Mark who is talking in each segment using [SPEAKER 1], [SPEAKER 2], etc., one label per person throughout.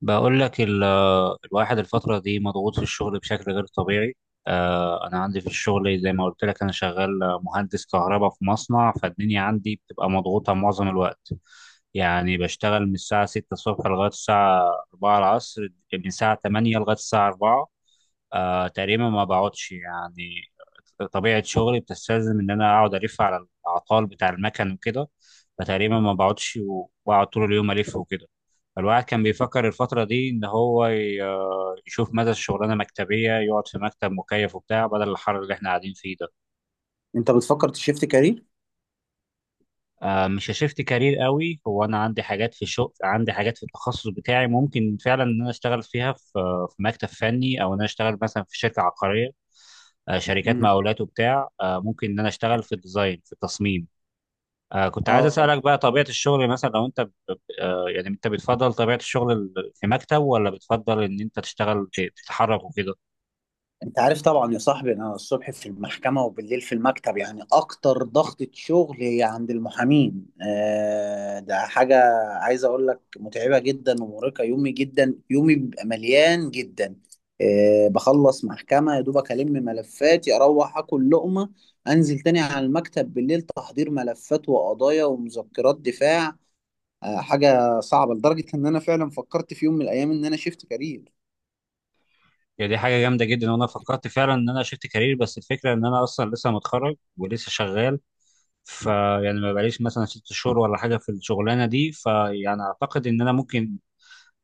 [SPEAKER 1] بقول لك الواحد الفترة دي مضغوط في الشغل بشكل غير طبيعي. أنا عندي في الشغل، زي ما قلت لك، أنا شغال مهندس كهرباء في مصنع، فالدنيا عندي بتبقى مضغوطة معظم الوقت. يعني بشتغل من الساعة 6 الصبح لغاية الساعة 4 العصر، من الساعة 8 لغاية الساعة 4. تقريبا ما بقعدش يعني. طبيعة شغلي بتستلزم إن أنا أقعد ألف على الأعطال بتاع المكن وكده، فتقريبا ما بقعدش وبقعد طول اليوم ألف وكده. الواحد كان بيفكر الفترة دي إن هو يشوف مدى الشغلانة مكتبية، يقعد في مكتب مكيف وبتاع بدل الحر اللي إحنا قاعدين فيه ده.
[SPEAKER 2] انت بتفكر تشيفت كارير؟
[SPEAKER 1] مش هشفت كارير قوي، هو أنا عندي حاجات في الشغل، عندي حاجات في التخصص بتاعي ممكن فعلا إن أنا أشتغل فيها في، مكتب فني، أو إن أنا أشتغل مثلا في شركة عقارية، شركات
[SPEAKER 2] مم.
[SPEAKER 1] مقاولات وبتاع، ممكن إن أنا أشتغل في الديزاين، في التصميم. كنت عايز
[SPEAKER 2] اه
[SPEAKER 1] أسألك بقى طبيعة الشغل، مثلا لو أنت يعني أنت بتفضل طبيعة الشغل في مكتب، ولا بتفضل إن أنت تشتغل تتحرك وكده؟
[SPEAKER 2] انت عارف طبعا يا صاحبي، انا الصبح في المحكمه وبالليل في المكتب، يعني اكتر ضغطه شغل هي عند المحامين. ده حاجه عايز اقول لك متعبه جدا ومرهقه، يومي جدا، يومي بيبقى مليان جدا. بخلص محكمه يا دوبك ملفاتي، اروح اكل لقمه، انزل تاني على المكتب بالليل، تحضير ملفات وقضايا ومذكرات دفاع. حاجه صعبه لدرجه ان انا فعلا فكرت في يوم من الايام ان انا شيفت كارير.
[SPEAKER 1] يعني دي حاجة جامدة جدا، وأنا فكرت فعلا إن أنا شفت كارير، بس الفكرة إن أنا أصلا لسه متخرج ولسه شغال، فيعني ما بقاليش مثلا ست شهور ولا حاجة في الشغلانة دي، فيعني أعتقد إن أنا ممكن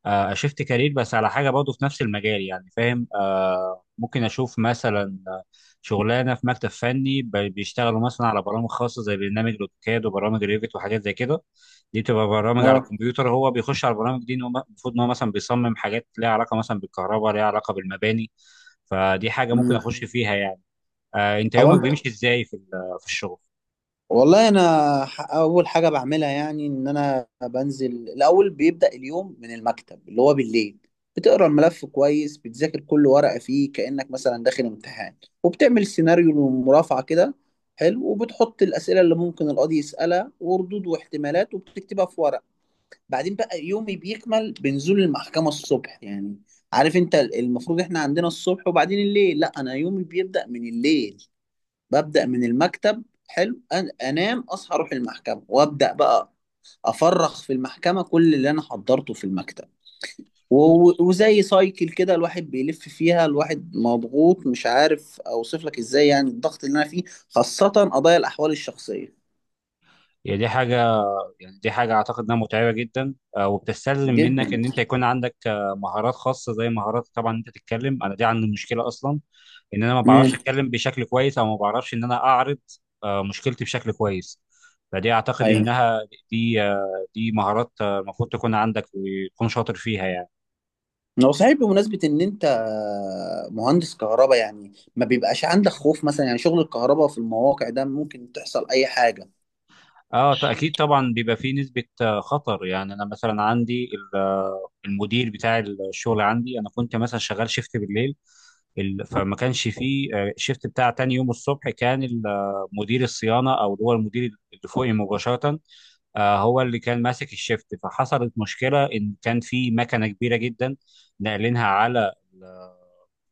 [SPEAKER 1] اشفت كارير، بس على حاجه برضه في نفس المجال، يعني فاهم، ممكن اشوف مثلا، شغلانه في مكتب فني بيشتغلوا مثلا على برامج خاصه زي برنامج الاوتوكاد وبرامج ريفت وحاجات زي كده. دي بتبقى برامج على
[SPEAKER 2] اه.
[SPEAKER 1] الكمبيوتر، هو بيخش على البرامج دي إن هو المفروض ان هو مثلا بيصمم حاجات ليها علاقه مثلا بالكهرباء، ليها علاقه بالمباني. فدي حاجه ممكن
[SPEAKER 2] مم.
[SPEAKER 1] اخش فيها يعني. انت
[SPEAKER 2] هو
[SPEAKER 1] يومك
[SPEAKER 2] انت.
[SPEAKER 1] بيمشي ازاي في في الشغل؟
[SPEAKER 2] والله انا اول حاجه بعملها، يعني ان انا بنزل الاول، بيبدا اليوم من المكتب اللي هو بالليل، بتقرا الملف كويس، بتذاكر كل ورقه فيه كانك مثلا داخل امتحان، وبتعمل سيناريو مرافعه كده حلو، وبتحط الاسئله اللي ممكن القاضي يسالها وردود واحتمالات، وبتكتبها في ورق. بعدين بقى يومي بيكمل بنزول المحكمه الصبح يعني، عارف انت المفروض احنا عندنا الصبح وبعدين الليل، لا انا يومي بيبدا من الليل، ببدأ من المكتب حلو. انام، اصحى اروح المحكمة وابدأ بقى افرغ في المحكمة كل اللي انا حضرته في المكتب. وزي سايكل كده الواحد بيلف فيها. الواحد مضغوط، مش عارف اوصف لك ازاي يعني الضغط اللي انا فيه، خاصة قضايا الاحوال الشخصية.
[SPEAKER 1] يعني دي حاجه يعني دي حاجة أعتقد إنها متعبة جدا، وبتستلزم منك
[SPEAKER 2] جدا.
[SPEAKER 1] إن أنت يكون عندك مهارات خاصة، زي مهارات، طبعا أنت تتكلم، أنا دي عندي مشكلة أصلا، إن أنا ما بعرفش
[SPEAKER 2] امم.
[SPEAKER 1] أتكلم بشكل كويس، أو ما بعرفش إن أنا أعرض مشكلتي بشكل كويس. فدي أعتقد
[SPEAKER 2] ايوه.
[SPEAKER 1] إنها، دي دي مهارات، المفروض تكون عندك وتكون شاطر فيها يعني.
[SPEAKER 2] هو صحيح، بمناسبة ان انت مهندس كهرباء، يعني ما بيبقاش عندك خوف مثلا؟ يعني شغل الكهرباء في المواقع ده ممكن تحصل اي حاجة.
[SPEAKER 1] اه اكيد طبعا بيبى فيه نسبة خطر يعني، انا مثلا عندي المدير بتاع الشغل عندي، انا كنت مثلا شغال شيفت بالليل، فما كانش فيه شيفت بتاع تاني يوم الصبح، كان مدير الصيانة، او اللي هو المدير اللي فوقي مباشرة، هو اللي كان ماسك الشيفت. فحصلت مشكلة ان كان في مكنة كبيرة جدا ناقلينها على،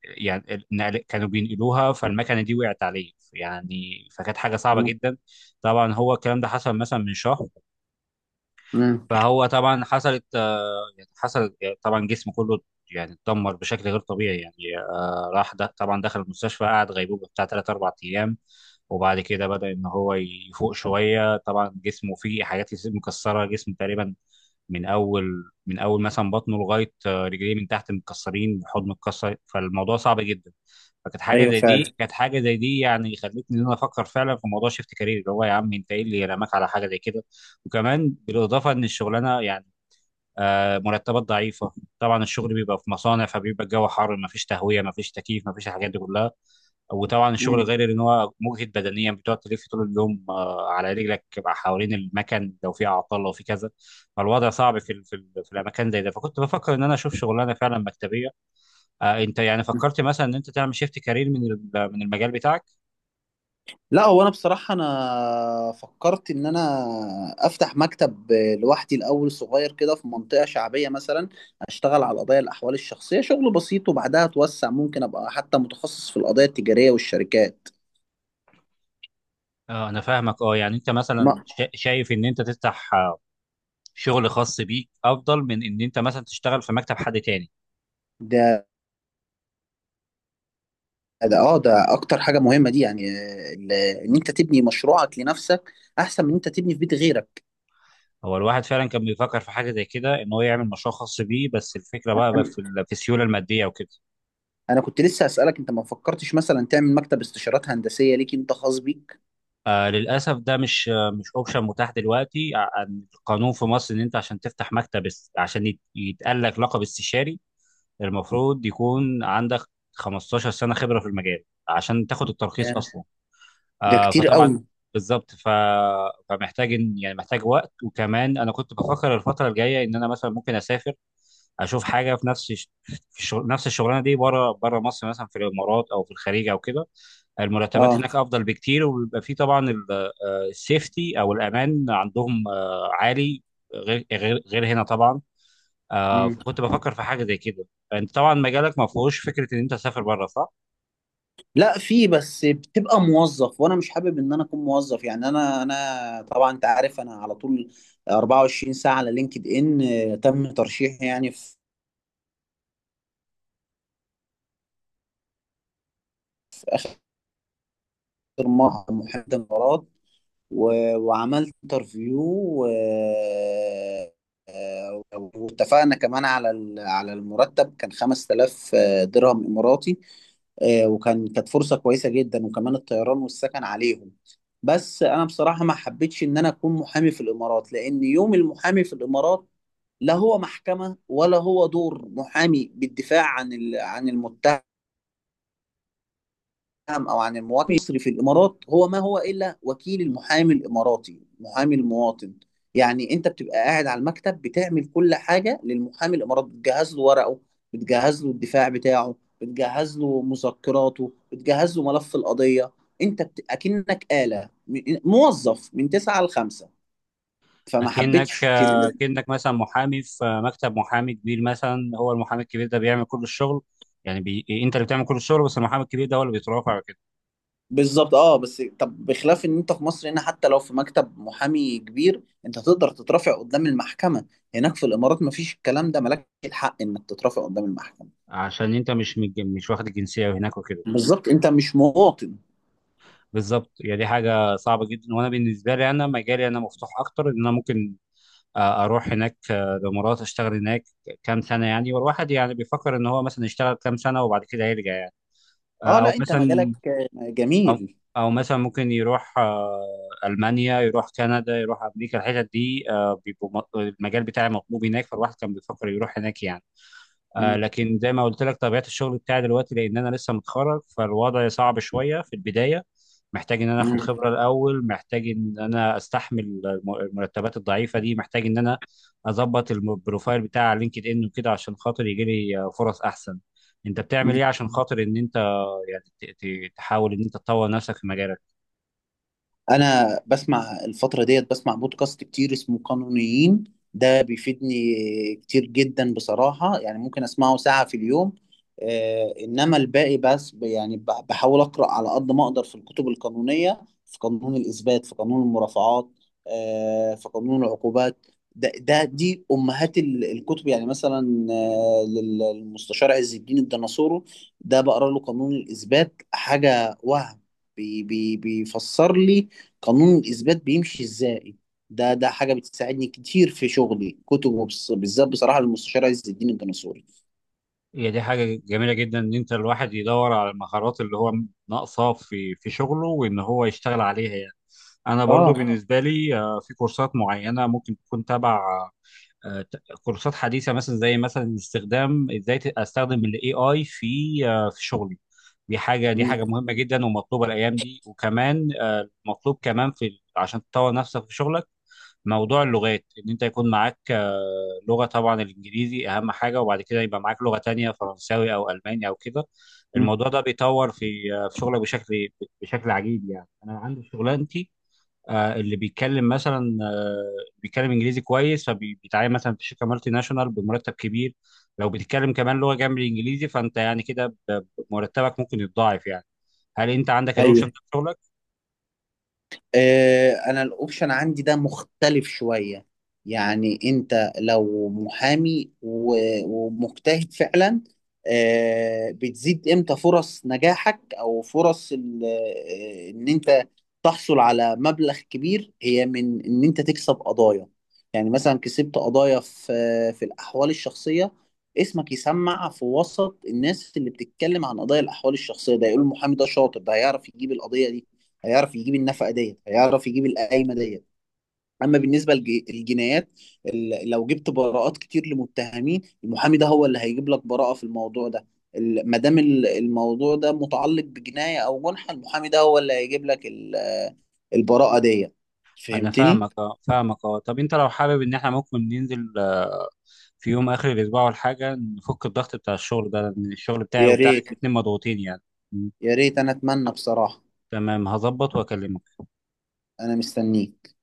[SPEAKER 1] يعني كانوا بينقلوها، فالمكنه دي وقعت عليه يعني، فكانت حاجه صعبه
[SPEAKER 2] امم.
[SPEAKER 1] جدا. طبعا هو الكلام ده حصل مثلا من شهر.
[SPEAKER 2] أمم.
[SPEAKER 1] فهو طبعا حصلت، آه، يعني حصل آه، طبعا جسمه كله يعني اتدمر بشكل غير طبيعي يعني، راح، ده طبعا دخل المستشفى، قعد غيبوبة بتاع 3 4 ايام، وبعد كده بدأ ان هو يفوق شوية. طبعا جسمه فيه حاجات مكسرة، جسمه تقريبا من اول مثلا بطنه لغاية رجليه من تحت متكسرين، حضنه متكسر، فالموضوع صعب جدا. فكانت حاجة
[SPEAKER 2] ايوه
[SPEAKER 1] زي
[SPEAKER 2] فعلا.
[SPEAKER 1] دي يعني خلتني ان انا افكر فعلا في موضوع شيفت كارير، اللي هو يا عم انت ايه اللي رماك على حاجة زي كده. وكمان بالاضافة ان الشغلانة يعني مرتبات ضعيفه. طبعا الشغل بيبقى في مصانع، فبيبقى الجو حر، ما فيش تهويه، ما فيش تكييف، ما فيش الحاجات دي كلها. وطبعا الشغل
[SPEAKER 2] امم.
[SPEAKER 1] غير ان هو مجهد بدنيا، بتقعد تلف طول اليوم على رجلك بقى حوالين المكن، لو في اعطال، لو في كذا. فالوضع صعب في في الاماكن زي ده، فكنت بفكر ان انا اشوف شغلانه فعلا مكتبيه. انت يعني فكرت مثلا ان انت تعمل شيفت كارير من من المجال بتاعك؟
[SPEAKER 2] لا، هو انا بصراحه انا فكرت ان انا افتح مكتب لوحدي الاول، صغير كده في منطقه شعبيه مثلا، اشتغل على القضايا الاحوال الشخصيه شغل بسيط، وبعدها اتوسع، ممكن ابقى حتى متخصص في القضايا التجاريه والشركات.
[SPEAKER 1] انا فاهمك، اه يعني انت مثلا
[SPEAKER 2] ما
[SPEAKER 1] شايف ان انت تفتح شغل خاص بيك افضل من ان انت مثلا تشتغل في مكتب حد تاني.
[SPEAKER 2] ده ده اكتر حاجه مهمه دي، يعني ان انت تبني مشروعك لنفسك احسن من ان انت تبني في بيت غيرك.
[SPEAKER 1] هو الواحد فعلا كان بيفكر في حاجه زي كده، ان هو يعمل مشروع خاص بيه، بس الفكره بقى
[SPEAKER 2] انا
[SPEAKER 1] في في السيوله الماديه وكده.
[SPEAKER 2] أنا كنت لسه اسالك، انت ما فكرتش مثلا تعمل مكتب استشارات هندسيه ليك انت خاص بيك؟
[SPEAKER 1] للاسف، ده مش اوبشن متاح دلوقتي، عن القانون في مصر، ان انت عشان تفتح مكتب عشان يتقال لك لقب استشاري المفروض يكون عندك 15 سنه خبره في المجال عشان تاخد الترخيص
[SPEAKER 2] ده
[SPEAKER 1] اصلا.
[SPEAKER 2] ده كتير
[SPEAKER 1] فطبعا،
[SPEAKER 2] قوي.
[SPEAKER 1] بالظبط. فمحتاج، يعني محتاج وقت. وكمان انا كنت بفكر الفتره الجايه ان انا مثلا ممكن اسافر، اشوف حاجه في نفس في الشغل، نفس الشغلانه دي، بره بره مصر، مثلا في الامارات او في الخليج او كده. المرتبات
[SPEAKER 2] اه
[SPEAKER 1] هناك افضل بكتير، وبيبقى في طبعا السيفتي او الامان عندهم عالي، غير هنا طبعا. فكنت بفكر في حاجه زي كده. انت طبعا مجالك ما فيهوش فكره ان انت تسافر بره، صح؟
[SPEAKER 2] لا، في، بس بتبقى موظف وانا مش حابب ان انا اكون موظف، يعني انا طبعا انت عارف انا على طول 24 ساعه على لينكد ان، تم ترشيحي يعني في محامي الامارات، وعملت انترفيو آه، واتفقنا كمان على على المرتب، كان 5000 درهم إماراتي. وكان، كانت فرصة كويسة جدا، وكمان الطيران والسكن عليهم. بس أنا بصراحة ما حبيتش إن أنا أكون محامي في الإمارات، لأن يوم المحامي في الإمارات لا هو محكمة ولا هو دور محامي بالدفاع عن عن المتهم السهم، او عن المواطن المصري في الامارات، هو ما هو الا وكيل المحامي الاماراتي، محامي المواطن. يعني انت بتبقى قاعد على المكتب بتعمل كل حاجه للمحامي الاماراتي، بتجهز له ورقه، بتجهز له الدفاع بتاعه، بتجهز له مذكراته، بتجهز له ملف القضيه. اكنك آلة، موظف من 9 ل 5. فما حبيتش.
[SPEAKER 1] اكنك مثلا محامي في مكتب محامي كبير، مثلا هو المحامي الكبير ده بيعمل كل الشغل، يعني انت اللي بتعمل كل الشغل، بس المحامي الكبير ده هو اللي بيترافع كده،
[SPEAKER 2] بالظبط اه. بس طب بخلاف ان انت في مصر هنا، حتى لو في مكتب محامي كبير انت تقدر تترافع قدام المحكمة. هناك في الامارات مفيش الكلام ده، مالك الحق انك تترافع قدام المحكمة.
[SPEAKER 1] عشان انت مش واخد الجنسيه هناك وكده.
[SPEAKER 2] مم. بالظبط، انت مش مواطن.
[SPEAKER 1] بالظبط، يعني دي حاجه صعبه جدا، وانا بالنسبه لي، انا مجالي انا مفتوح اكتر ان انا ممكن اروح هناك، الامارات، اشتغل هناك كام سنه يعني، والواحد يعني بيفكر ان هو مثلا يشتغل كام سنه وبعد كده يرجع يعني.
[SPEAKER 2] اه
[SPEAKER 1] او
[SPEAKER 2] لا، انت
[SPEAKER 1] مثلا،
[SPEAKER 2] مجالك
[SPEAKER 1] او
[SPEAKER 2] جميل.
[SPEAKER 1] او مثلا ممكن يروح المانيا، يروح كندا، يروح امريكا، الحتت دي بيبقوا المجال بتاعي مطلوب هناك، فالواحد كان بيفكر يروح هناك يعني.
[SPEAKER 2] مم.
[SPEAKER 1] لكن زي ما قلت لك، طبيعة الشغل بتاعي دلوقتي، لأن أنا لسه متخرج، فالوضع صعب شوية في البداية. محتاج إن أنا آخد خبرة
[SPEAKER 2] مم.
[SPEAKER 1] الأول، محتاج إن أنا أستحمل المرتبات الضعيفة دي، محتاج إن أنا أظبط البروفايل بتاع على لينكد إن وكده، عشان خاطر يجي لي فرص أحسن. أنت بتعمل
[SPEAKER 2] مم.
[SPEAKER 1] إيه عشان خاطر إن أنت يعني ت- تحاول إن أنت تطور نفسك في مجالك؟
[SPEAKER 2] انا بسمع الفتره ديت بسمع بودكاست كتير اسمه قانونيين، ده بيفيدني كتير جدا بصراحه، يعني ممكن اسمعه ساعه في اليوم. انما الباقي بس بحاول اقرا على قد ما اقدر في الكتب القانونيه، في قانون الاثبات، في قانون المرافعات، في قانون العقوبات. ده دي امهات الكتب، يعني مثلا للمستشار عز الدين الديناصورو، ده بقرا له قانون الاثبات حاجه وهم. بي بي بيفسر لي قانون الإثبات بيمشي إزاي. ده حاجة بتساعدني كتير في شغلي كتب، بالذات بصراحة للمستشار عز الدين الجناصوري.
[SPEAKER 1] هي دي حاجة جميلة جدا، إن أنت الواحد يدور على المهارات اللي هو ناقصاه في شغله، وإن هو يشتغل عليها يعني. أنا برضو
[SPEAKER 2] اه.
[SPEAKER 1] بالنسبة لي، في كورسات معينة ممكن تكون تبع، كورسات حديثة، مثلا زي مثلا استخدام، إزاي أستخدم ال AI في في شغلي. دي
[SPEAKER 2] مم.
[SPEAKER 1] حاجة مهمة جدا ومطلوبة الأيام دي، وكمان مطلوب كمان في عشان تطور نفسك في شغلك. موضوع اللغات، ان انت يكون معاك لغه، طبعا الانجليزي اهم حاجه، وبعد كده يبقى معاك لغه تانية، فرنساوي او الماني او كده.
[SPEAKER 2] مم.
[SPEAKER 1] الموضوع ده بيطور في في شغلك بشكل، بشكل عجيب يعني. انا عندي في شغلانتي اللي بيتكلم مثلا بيتكلم انجليزي كويس، فبيتعين مثلا في شركه مالتي ناشونال بمرتب كبير. لو بتتكلم كمان لغه جنب الانجليزي، فانت يعني كده مرتبك ممكن يتضاعف يعني. هل انت عندك الاوبشن
[SPEAKER 2] ايوه.
[SPEAKER 1] ده في شغلك؟
[SPEAKER 2] انا الاوبشن عندي ده مختلف شوية، يعني انت لو محامي ومجتهد فعلا، بتزيد امتى فرص نجاحك، او فرص ان انت تحصل على مبلغ كبير، هي من ان انت تكسب قضايا. يعني مثلا كسبت قضايا في الاحوال الشخصية، اسمك يسمع في وسط الناس اللي بتتكلم عن قضايا الاحوال الشخصية، ده يقول المحامي ده شاطر، ده هيعرف يجيب القضية دي، هيعرف يجيب النفقه ديت، هيعرف يجيب القايمه ديت. اما بالنسبه للجنايات، لو جبت براءات كتير لمتهمين، المحامي ده هو اللي هيجيب لك براءه في الموضوع ده. ما دام الموضوع ده متعلق بجنايه او جنحه، المحامي ده هو اللي هيجيب لك البراءه ديت.
[SPEAKER 1] انا
[SPEAKER 2] فهمتني؟
[SPEAKER 1] فاهمك، اه، طب انت لو حابب، ان احنا ممكن ننزل في يوم اخر الاسبوع ولا حاجه، نفك الضغط بتاع الشغل ده، لان الشغل بتاعي
[SPEAKER 2] يا
[SPEAKER 1] وبتاعك
[SPEAKER 2] ريت
[SPEAKER 1] الاتنين مضغوطين يعني. م.
[SPEAKER 2] يا ريت انا اتمنى بصراحه.
[SPEAKER 1] تمام، هظبط واكلمك.
[SPEAKER 2] انا مستنيك.